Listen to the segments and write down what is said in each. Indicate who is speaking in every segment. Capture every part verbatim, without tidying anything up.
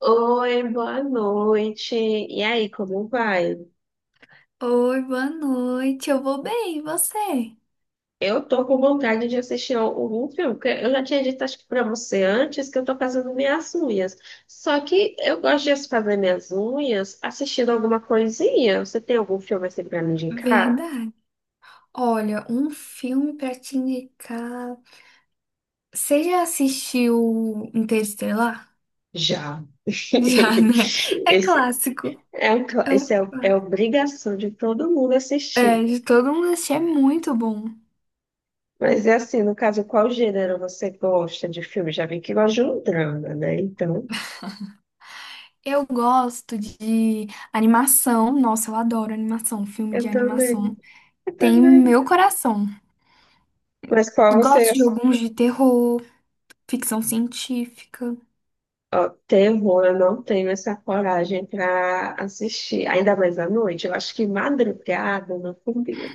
Speaker 1: Oi, boa noite. E aí, como vai?
Speaker 2: Oi, boa noite. Eu vou bem, e você?
Speaker 1: Eu tô com vontade de assistir algum filme, porque eu já tinha dito, acho que pra você antes, que eu tô fazendo minhas unhas. Só que eu gosto de fazer minhas unhas assistindo alguma coisinha. Você tem algum filme assim pra me indicar?
Speaker 2: Verdade. Olha, um filme pra te indicar. Você já assistiu Interestelar?
Speaker 1: Já.
Speaker 2: Já, né? É
Speaker 1: Esse
Speaker 2: clássico.
Speaker 1: é, um cla-
Speaker 2: É, o...
Speaker 1: esse é, o- é
Speaker 2: clá-
Speaker 1: obrigação de todo mundo
Speaker 2: é,
Speaker 1: assistir.
Speaker 2: de todo mundo assistir, é muito bom.
Speaker 1: Mas é assim, no caso, qual gênero você gosta de filme? Já vi que gosta de um drama, né? Então,
Speaker 2: Eu gosto de animação. Nossa, eu adoro animação, filme
Speaker 1: eu
Speaker 2: de
Speaker 1: também.
Speaker 2: animação. Tem meu coração.
Speaker 1: Mas qual você.
Speaker 2: Gosto de alguns de terror, ficção científica.
Speaker 1: Ó, terror, eu não tenho essa coragem para assistir. Ainda mais à noite. Eu acho que madrugada não combina.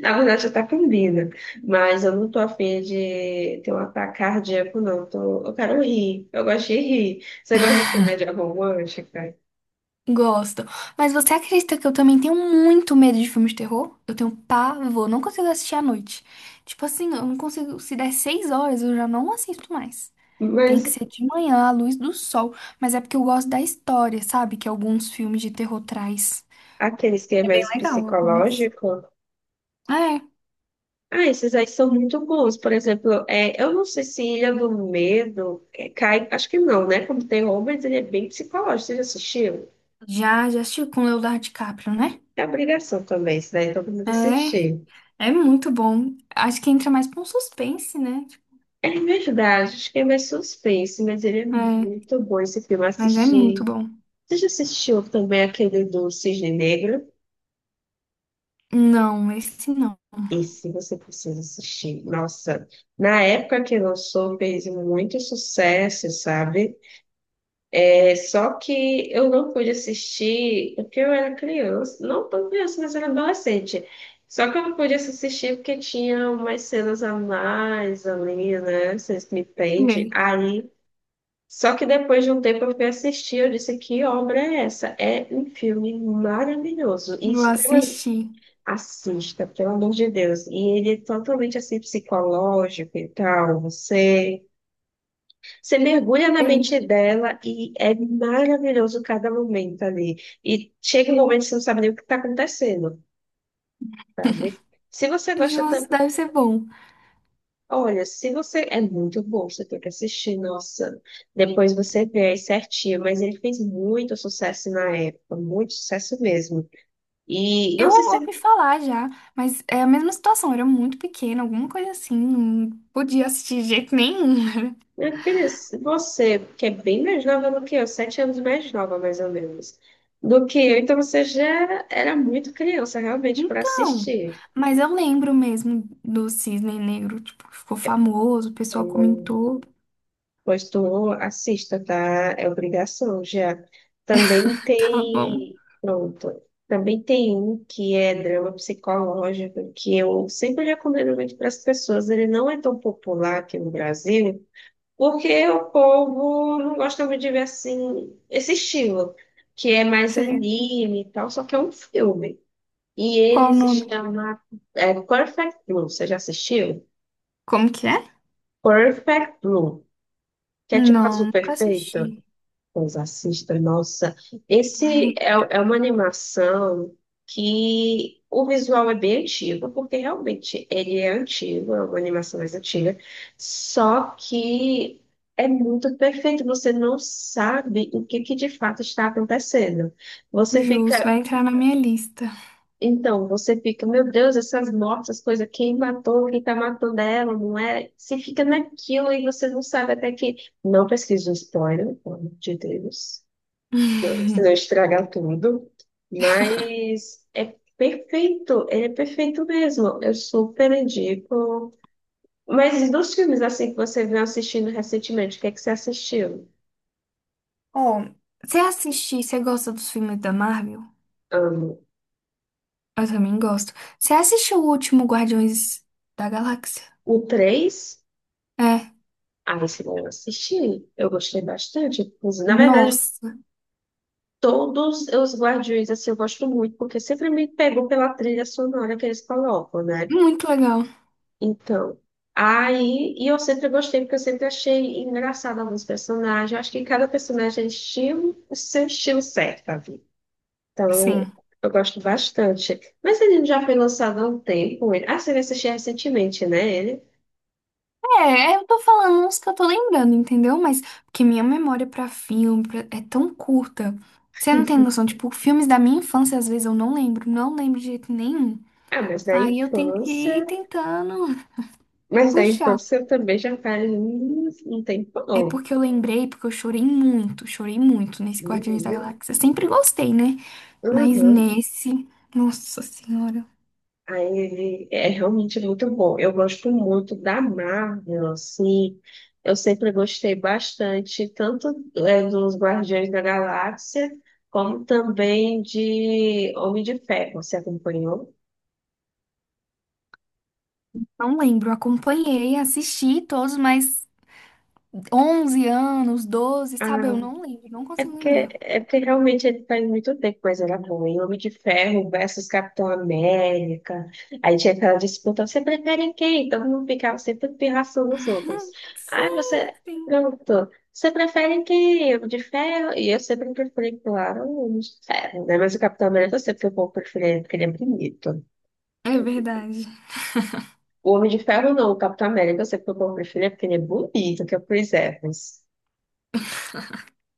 Speaker 1: Na verdade, até combina. Mas eu não tô afim de ter um ataque cardíaco, não. Tô... Eu quero rir. Eu gosto de rir. Você gosta de comédia romântica?
Speaker 2: Gosto. Mas você acredita que eu também tenho muito medo de filmes de terror? Eu tenho pavor, não consigo assistir à noite. Tipo assim, eu não consigo. Se der seis horas, eu já não assisto mais. Tem que
Speaker 1: Mas
Speaker 2: ser de manhã, à luz do sol. Mas é porque eu gosto da história, sabe? Que alguns filmes de terror traz.
Speaker 1: aqueles que é
Speaker 2: É bem
Speaker 1: mais
Speaker 2: legal, algumas.
Speaker 1: psicológico.
Speaker 2: É,
Speaker 1: Ah, esses aí são muito bons. Por exemplo, é, eu não sei se Ilha do Medo é, cai, acho que não, né? Como tem, mas ele é bem psicológico. Você já assistiu?
Speaker 2: já, já assistiu com Leonardo DiCaprio, né?
Speaker 1: É obrigação também, isso daí todo mundo
Speaker 2: É,
Speaker 1: assistir.
Speaker 2: é muito bom. Acho que entra mais pra um suspense, né? Tipo,
Speaker 1: É verdade, acho que é mais suspense, mas ele é
Speaker 2: é,
Speaker 1: muito bom esse filme
Speaker 2: mas é
Speaker 1: assistir.
Speaker 2: muito bom.
Speaker 1: Você já assistiu também aquele do Cisne Negro?
Speaker 2: Não, esse não.
Speaker 1: Esse você precisa assistir. Nossa, na época que lançou, fez muito sucesso, sabe? É só que eu não pude assistir porque eu era criança, não tão criança, mas era adolescente. Só que eu não pude assistir porque tinha umas cenas a mais ali, né? Vocês me entendem.
Speaker 2: É.
Speaker 1: Aí, só que depois de um tempo eu fui assistir, eu disse, que obra é essa? É um filme maravilhoso e
Speaker 2: Vou
Speaker 1: extremamente...
Speaker 2: assistir.
Speaker 1: Assista, pelo amor de Deus. E ele é totalmente, assim, psicológico e tal, você... Você mergulha na
Speaker 2: Bem,
Speaker 1: mente dela e é maravilhoso cada momento ali. E chega um momento que você não sabe nem o que está acontecendo, sabe? Se você gosta
Speaker 2: justo,
Speaker 1: também.
Speaker 2: deve ser bom.
Speaker 1: Olha, se você. É muito bom, você tem que assistir, nossa. Depois você vê aí certinho. Mas ele fez muito sucesso na época, muito sucesso mesmo. E não
Speaker 2: Eu
Speaker 1: sei se.
Speaker 2: ouvi falar já, mas é a mesma situação. Eu era muito pequena, alguma coisa assim. Não podia assistir de jeito nenhum.
Speaker 1: Minha filha, se você, que é bem mais nova do que eu, sete anos mais nova, mais ou menos, do que eu, então você já era muito criança, realmente, para
Speaker 2: Então,
Speaker 1: assistir.
Speaker 2: mas eu lembro mesmo do Cisne Negro. Tipo, ficou famoso, o pessoal
Speaker 1: Oi.
Speaker 2: comentou.
Speaker 1: Pois tu assista, tá? É obrigação já. Também
Speaker 2: Tá bom.
Speaker 1: tem. Pronto. Também tem um que é drama psicológico, que eu sempre recomendo muito para as pessoas. Ele não é tão popular aqui no Brasil, porque o povo não gosta muito de ver assim, esse estilo, que é mais
Speaker 2: Sei.
Speaker 1: anime e tal, só que é um filme. E
Speaker 2: Qual
Speaker 1: ele
Speaker 2: o
Speaker 1: se
Speaker 2: nome?
Speaker 1: chama é, Perfect Blue. Você já assistiu?
Speaker 2: Como que é?
Speaker 1: Perfect Blue, que é tipo
Speaker 2: Não,
Speaker 1: azul
Speaker 2: nunca
Speaker 1: perfeito.
Speaker 2: assisti.
Speaker 1: Pois assista, nossa. Esse é, é uma animação que o visual é bem antigo, porque realmente ele é antigo, é uma animação mais antiga, só que é muito perfeito, você não sabe o que, que de fato está acontecendo. Você
Speaker 2: Justo,
Speaker 1: fica,
Speaker 2: vai entrar na minha lista.
Speaker 1: então, você fica, meu Deus, essas mortes, essas coisas, quem matou, quem está matando ela, não é? Você fica naquilo e você não sabe até que. Não pesquisa o spoiler, pelo amor de Deus, se não estragar tudo. Mas é perfeito, ele é perfeito mesmo. Eu super indico. Mas dos filmes assim que você veio assistindo recentemente, o que é que você assistiu?
Speaker 2: Ó, você assistir, você gosta dos filmes da Marvel?
Speaker 1: Ah,
Speaker 2: Eu também gosto. Você assistiu o último Guardiões da Galáxia?
Speaker 1: o três,
Speaker 2: É.
Speaker 1: ah, esse eu assisti. Eu gostei bastante. Inclusive. Na verdade,
Speaker 2: Nossa,
Speaker 1: todos os Guardiões assim, eu gosto muito, porque sempre me pegou pela trilha sonora que eles colocam, né?
Speaker 2: muito legal.
Speaker 1: Então, aí, e eu sempre gostei, porque eu sempre achei engraçado alguns personagens. Eu acho que cada personagem é estilo, o seu estilo certo, ali. Então,
Speaker 2: Sim.
Speaker 1: eu, eu gosto bastante. Mas ele já foi lançado há um tempo. Ele, ah, você assistiu recentemente, né? Ele.
Speaker 2: É, é, eu tô falando uns que eu tô lembrando, entendeu? Mas porque minha memória pra filme pra- é tão curta. Você não tem noção, tipo, filmes da minha infância às vezes eu não lembro, não lembro de jeito nenhum.
Speaker 1: Ah, mas da
Speaker 2: Aí eu tenho que ir
Speaker 1: infância.
Speaker 2: tentando
Speaker 1: Mas da
Speaker 2: puxar.
Speaker 1: infância eu também já faz um um
Speaker 2: É
Speaker 1: tempão.
Speaker 2: porque eu lembrei, porque eu chorei muito, chorei muito nesse Guardiões da
Speaker 1: Menina.
Speaker 2: Galáxia. Sempre gostei, né? Mas
Speaker 1: Uhum.
Speaker 2: nesse, nossa senhora.
Speaker 1: Aí ele é realmente muito bom. Eu gosto muito da Marvel, assim. Eu sempre gostei bastante, tanto é, dos Guardiões da Galáxia, como também de Homem de Ferro. Você acompanhou?
Speaker 2: Não lembro, acompanhei, assisti todos, mas onze anos, doze sabe? Eu
Speaker 1: Ah,
Speaker 2: não lembro, não
Speaker 1: É
Speaker 2: consigo
Speaker 1: porque,
Speaker 2: lembrar.
Speaker 1: é porque realmente ele faz muito tempo que coisa era boa. E Homem de Ferro versus Capitão América. Aí tinha aquela disputa, você prefere quem? Todo mundo ficava sempre pirraçando os outros. Ai,
Speaker 2: Sim,
Speaker 1: você
Speaker 2: sim.
Speaker 1: perguntou, você prefere quem? Homem de Ferro? E eu sempre preferi, claro, o Homem de Ferro, né? Mas o Capitão América eu sempre fui o povo preferido porque ele é bonito.
Speaker 2: É verdade.
Speaker 1: O Homem de Ferro não, o Capitão América eu sempre fui o povo preferido porque ele é bonito, que é o Chris Evans.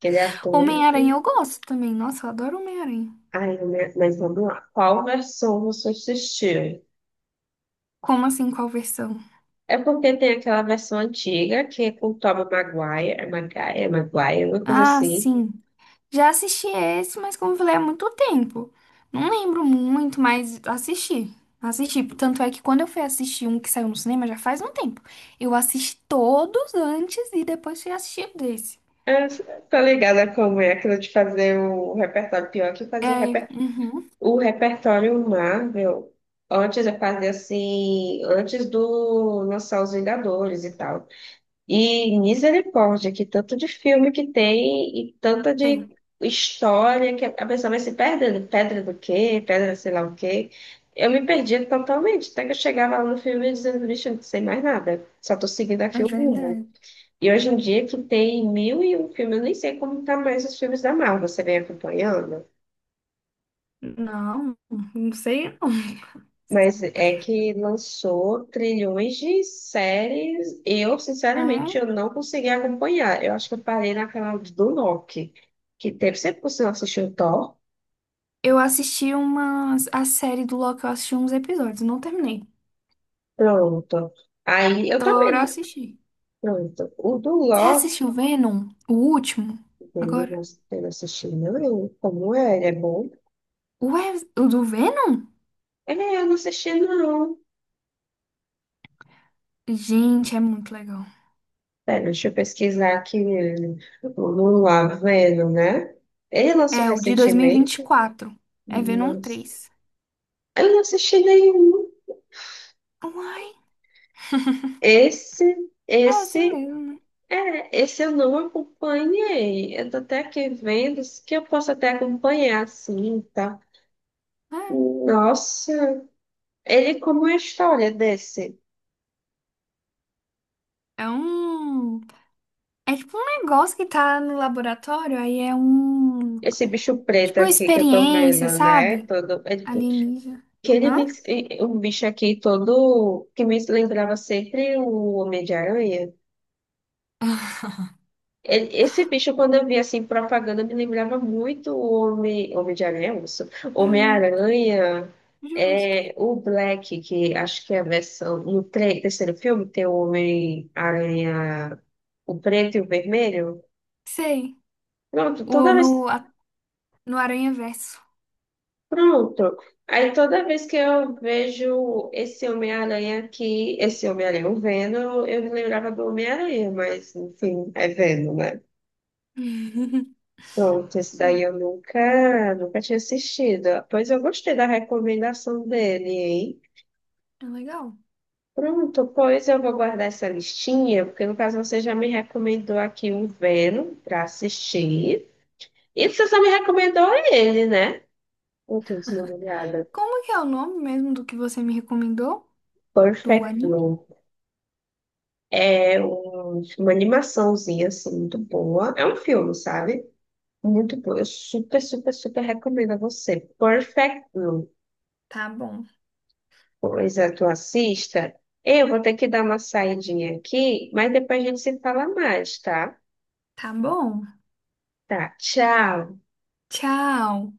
Speaker 1: Que ele é ator.
Speaker 2: Homem-Aranha eu gosto também. Nossa, eu adoro Homem-Aranha.
Speaker 1: Ai, meu- mas vamos lá. Qual versão você assistiu?
Speaker 2: Como assim, qual versão?
Speaker 1: É porque tem aquela versão antiga, que é com o Tobey Maguire, é Maguire, é Maguire, uma coisa
Speaker 2: Ah,
Speaker 1: assim.
Speaker 2: sim. Já assisti esse, mas como eu falei, há muito tempo. Não lembro muito, mas assisti. Assisti. Tanto é que quando eu fui assistir um que saiu no cinema já faz um tempo. Eu assisti todos antes e depois fui assistir desse.
Speaker 1: É, tá ligada como é aquilo de fazer o repertório, pior que fazer o,
Speaker 2: É,
Speaker 1: reper...
Speaker 2: uhum,
Speaker 1: o repertório Marvel. Antes eu fazia assim, antes do lançar os Vingadores e tal. E misericórdia, que tanto de filme que tem e tanta de
Speaker 2: tem.
Speaker 1: história que a pessoa vai se perdendo. Pedra do quê? Pedra sei lá o quê. Eu me perdia totalmente, até que eu chegava lá no filme dizendo, bicho, eu não sei mais nada, só tô seguindo
Speaker 2: É
Speaker 1: aqui o rumo.
Speaker 2: verdade.
Speaker 1: E hoje em dia que tem mil e um filme, eu nem sei como tá mais os filmes da Marvel, você vem acompanhando?
Speaker 2: Não, não sei não.
Speaker 1: Mas é que lançou trilhões de séries. Eu, sinceramente,
Speaker 2: É,
Speaker 1: eu não consegui acompanhar. Eu acho que eu parei naquela do Loki, que teve sempre que você não assistiu o Thor.
Speaker 2: eu assisti umas, a série do Loki, eu assisti uns episódios, não terminei.
Speaker 1: Pronto. Aí eu
Speaker 2: Tô
Speaker 1: também.
Speaker 2: eu assistir.
Speaker 1: Pronto. O do
Speaker 2: Você
Speaker 1: Loki,
Speaker 2: assistiu Venom? O último?
Speaker 1: dele, eu
Speaker 2: Agora?
Speaker 1: não eu não assisti, não. Como é? Ele é bom?
Speaker 2: Ué, o do Venom?
Speaker 1: Ele é, eu não assisti, não.
Speaker 2: Gente, é muito legal.
Speaker 1: Pera, deixa eu pesquisar aqui. Não lá vendo, né? Ele lançou
Speaker 2: É, o de dois mil e e vinte e
Speaker 1: recentemente.
Speaker 2: quatro. É Venom
Speaker 1: Nossa.
Speaker 2: três
Speaker 1: Eu não assisti nenhum.
Speaker 2: Uai,
Speaker 1: Esse,
Speaker 2: é assim
Speaker 1: esse,
Speaker 2: mesmo, né?
Speaker 1: é, esse eu não acompanhei. Eu tô até aqui vendo isso que eu posso até acompanhar, assim, tá? Nossa, ele, como é a história desse,
Speaker 2: É, é um... É tipo um negócio que tá no laboratório, aí é um...
Speaker 1: esse bicho preto
Speaker 2: Tipo uma
Speaker 1: aqui que eu tô
Speaker 2: experiência,
Speaker 1: vendo, né?
Speaker 2: sabe?
Speaker 1: Todo, ele, que
Speaker 2: Alienígena.
Speaker 1: ele me-
Speaker 2: Hã?
Speaker 1: um bicho aqui todo que me lembrava sempre o Homem de Aranha. E- Esse bicho, quando eu via assim, propaganda, me lembrava muito o Homem, Homem de Aranha, isso.
Speaker 2: Hum,
Speaker 1: Homem-Aranha,
Speaker 2: justo.
Speaker 1: é, o Black, que acho que é a versão. No tre- terceiro filme tem o Homem-Aranha, o preto e o vermelho.
Speaker 2: Sei.
Speaker 1: Pronto,
Speaker 2: O,
Speaker 1: toda vez.
Speaker 2: no, a- no Aranha Verso.
Speaker 1: Pronto. Aí toda vez que eu vejo esse Homem-Aranha aqui, esse Homem-Aranha, o Venom, eu me lembrava do Homem-Aranha, mas enfim, é Venom, né? Pronto, esse daí eu nunca, nunca tinha assistido. Pois eu gostei da recomendação dele, hein?
Speaker 2: É legal.
Speaker 1: Pronto, pois eu vou guardar essa listinha, porque no caso você já me recomendou aqui o Venom para assistir. E você só me recomendou ele, né? Eu tô desligada.
Speaker 2: Como que é o nome mesmo do que você me recomendou? Do
Speaker 1: Perfect
Speaker 2: anime?
Speaker 1: Blue. É um- uma animaçãozinha, assim, muito boa. É um filme, sabe? Muito bom. Eu super, super, super recomendo a você. Perfect Blue.
Speaker 2: Tá bom.
Speaker 1: Pois coisa tu assista. Eu vou ter que dar uma saidinha aqui, mas depois a gente se fala mais, tá?
Speaker 2: Tá bom.
Speaker 1: Tá, tchau.
Speaker 2: Tchau.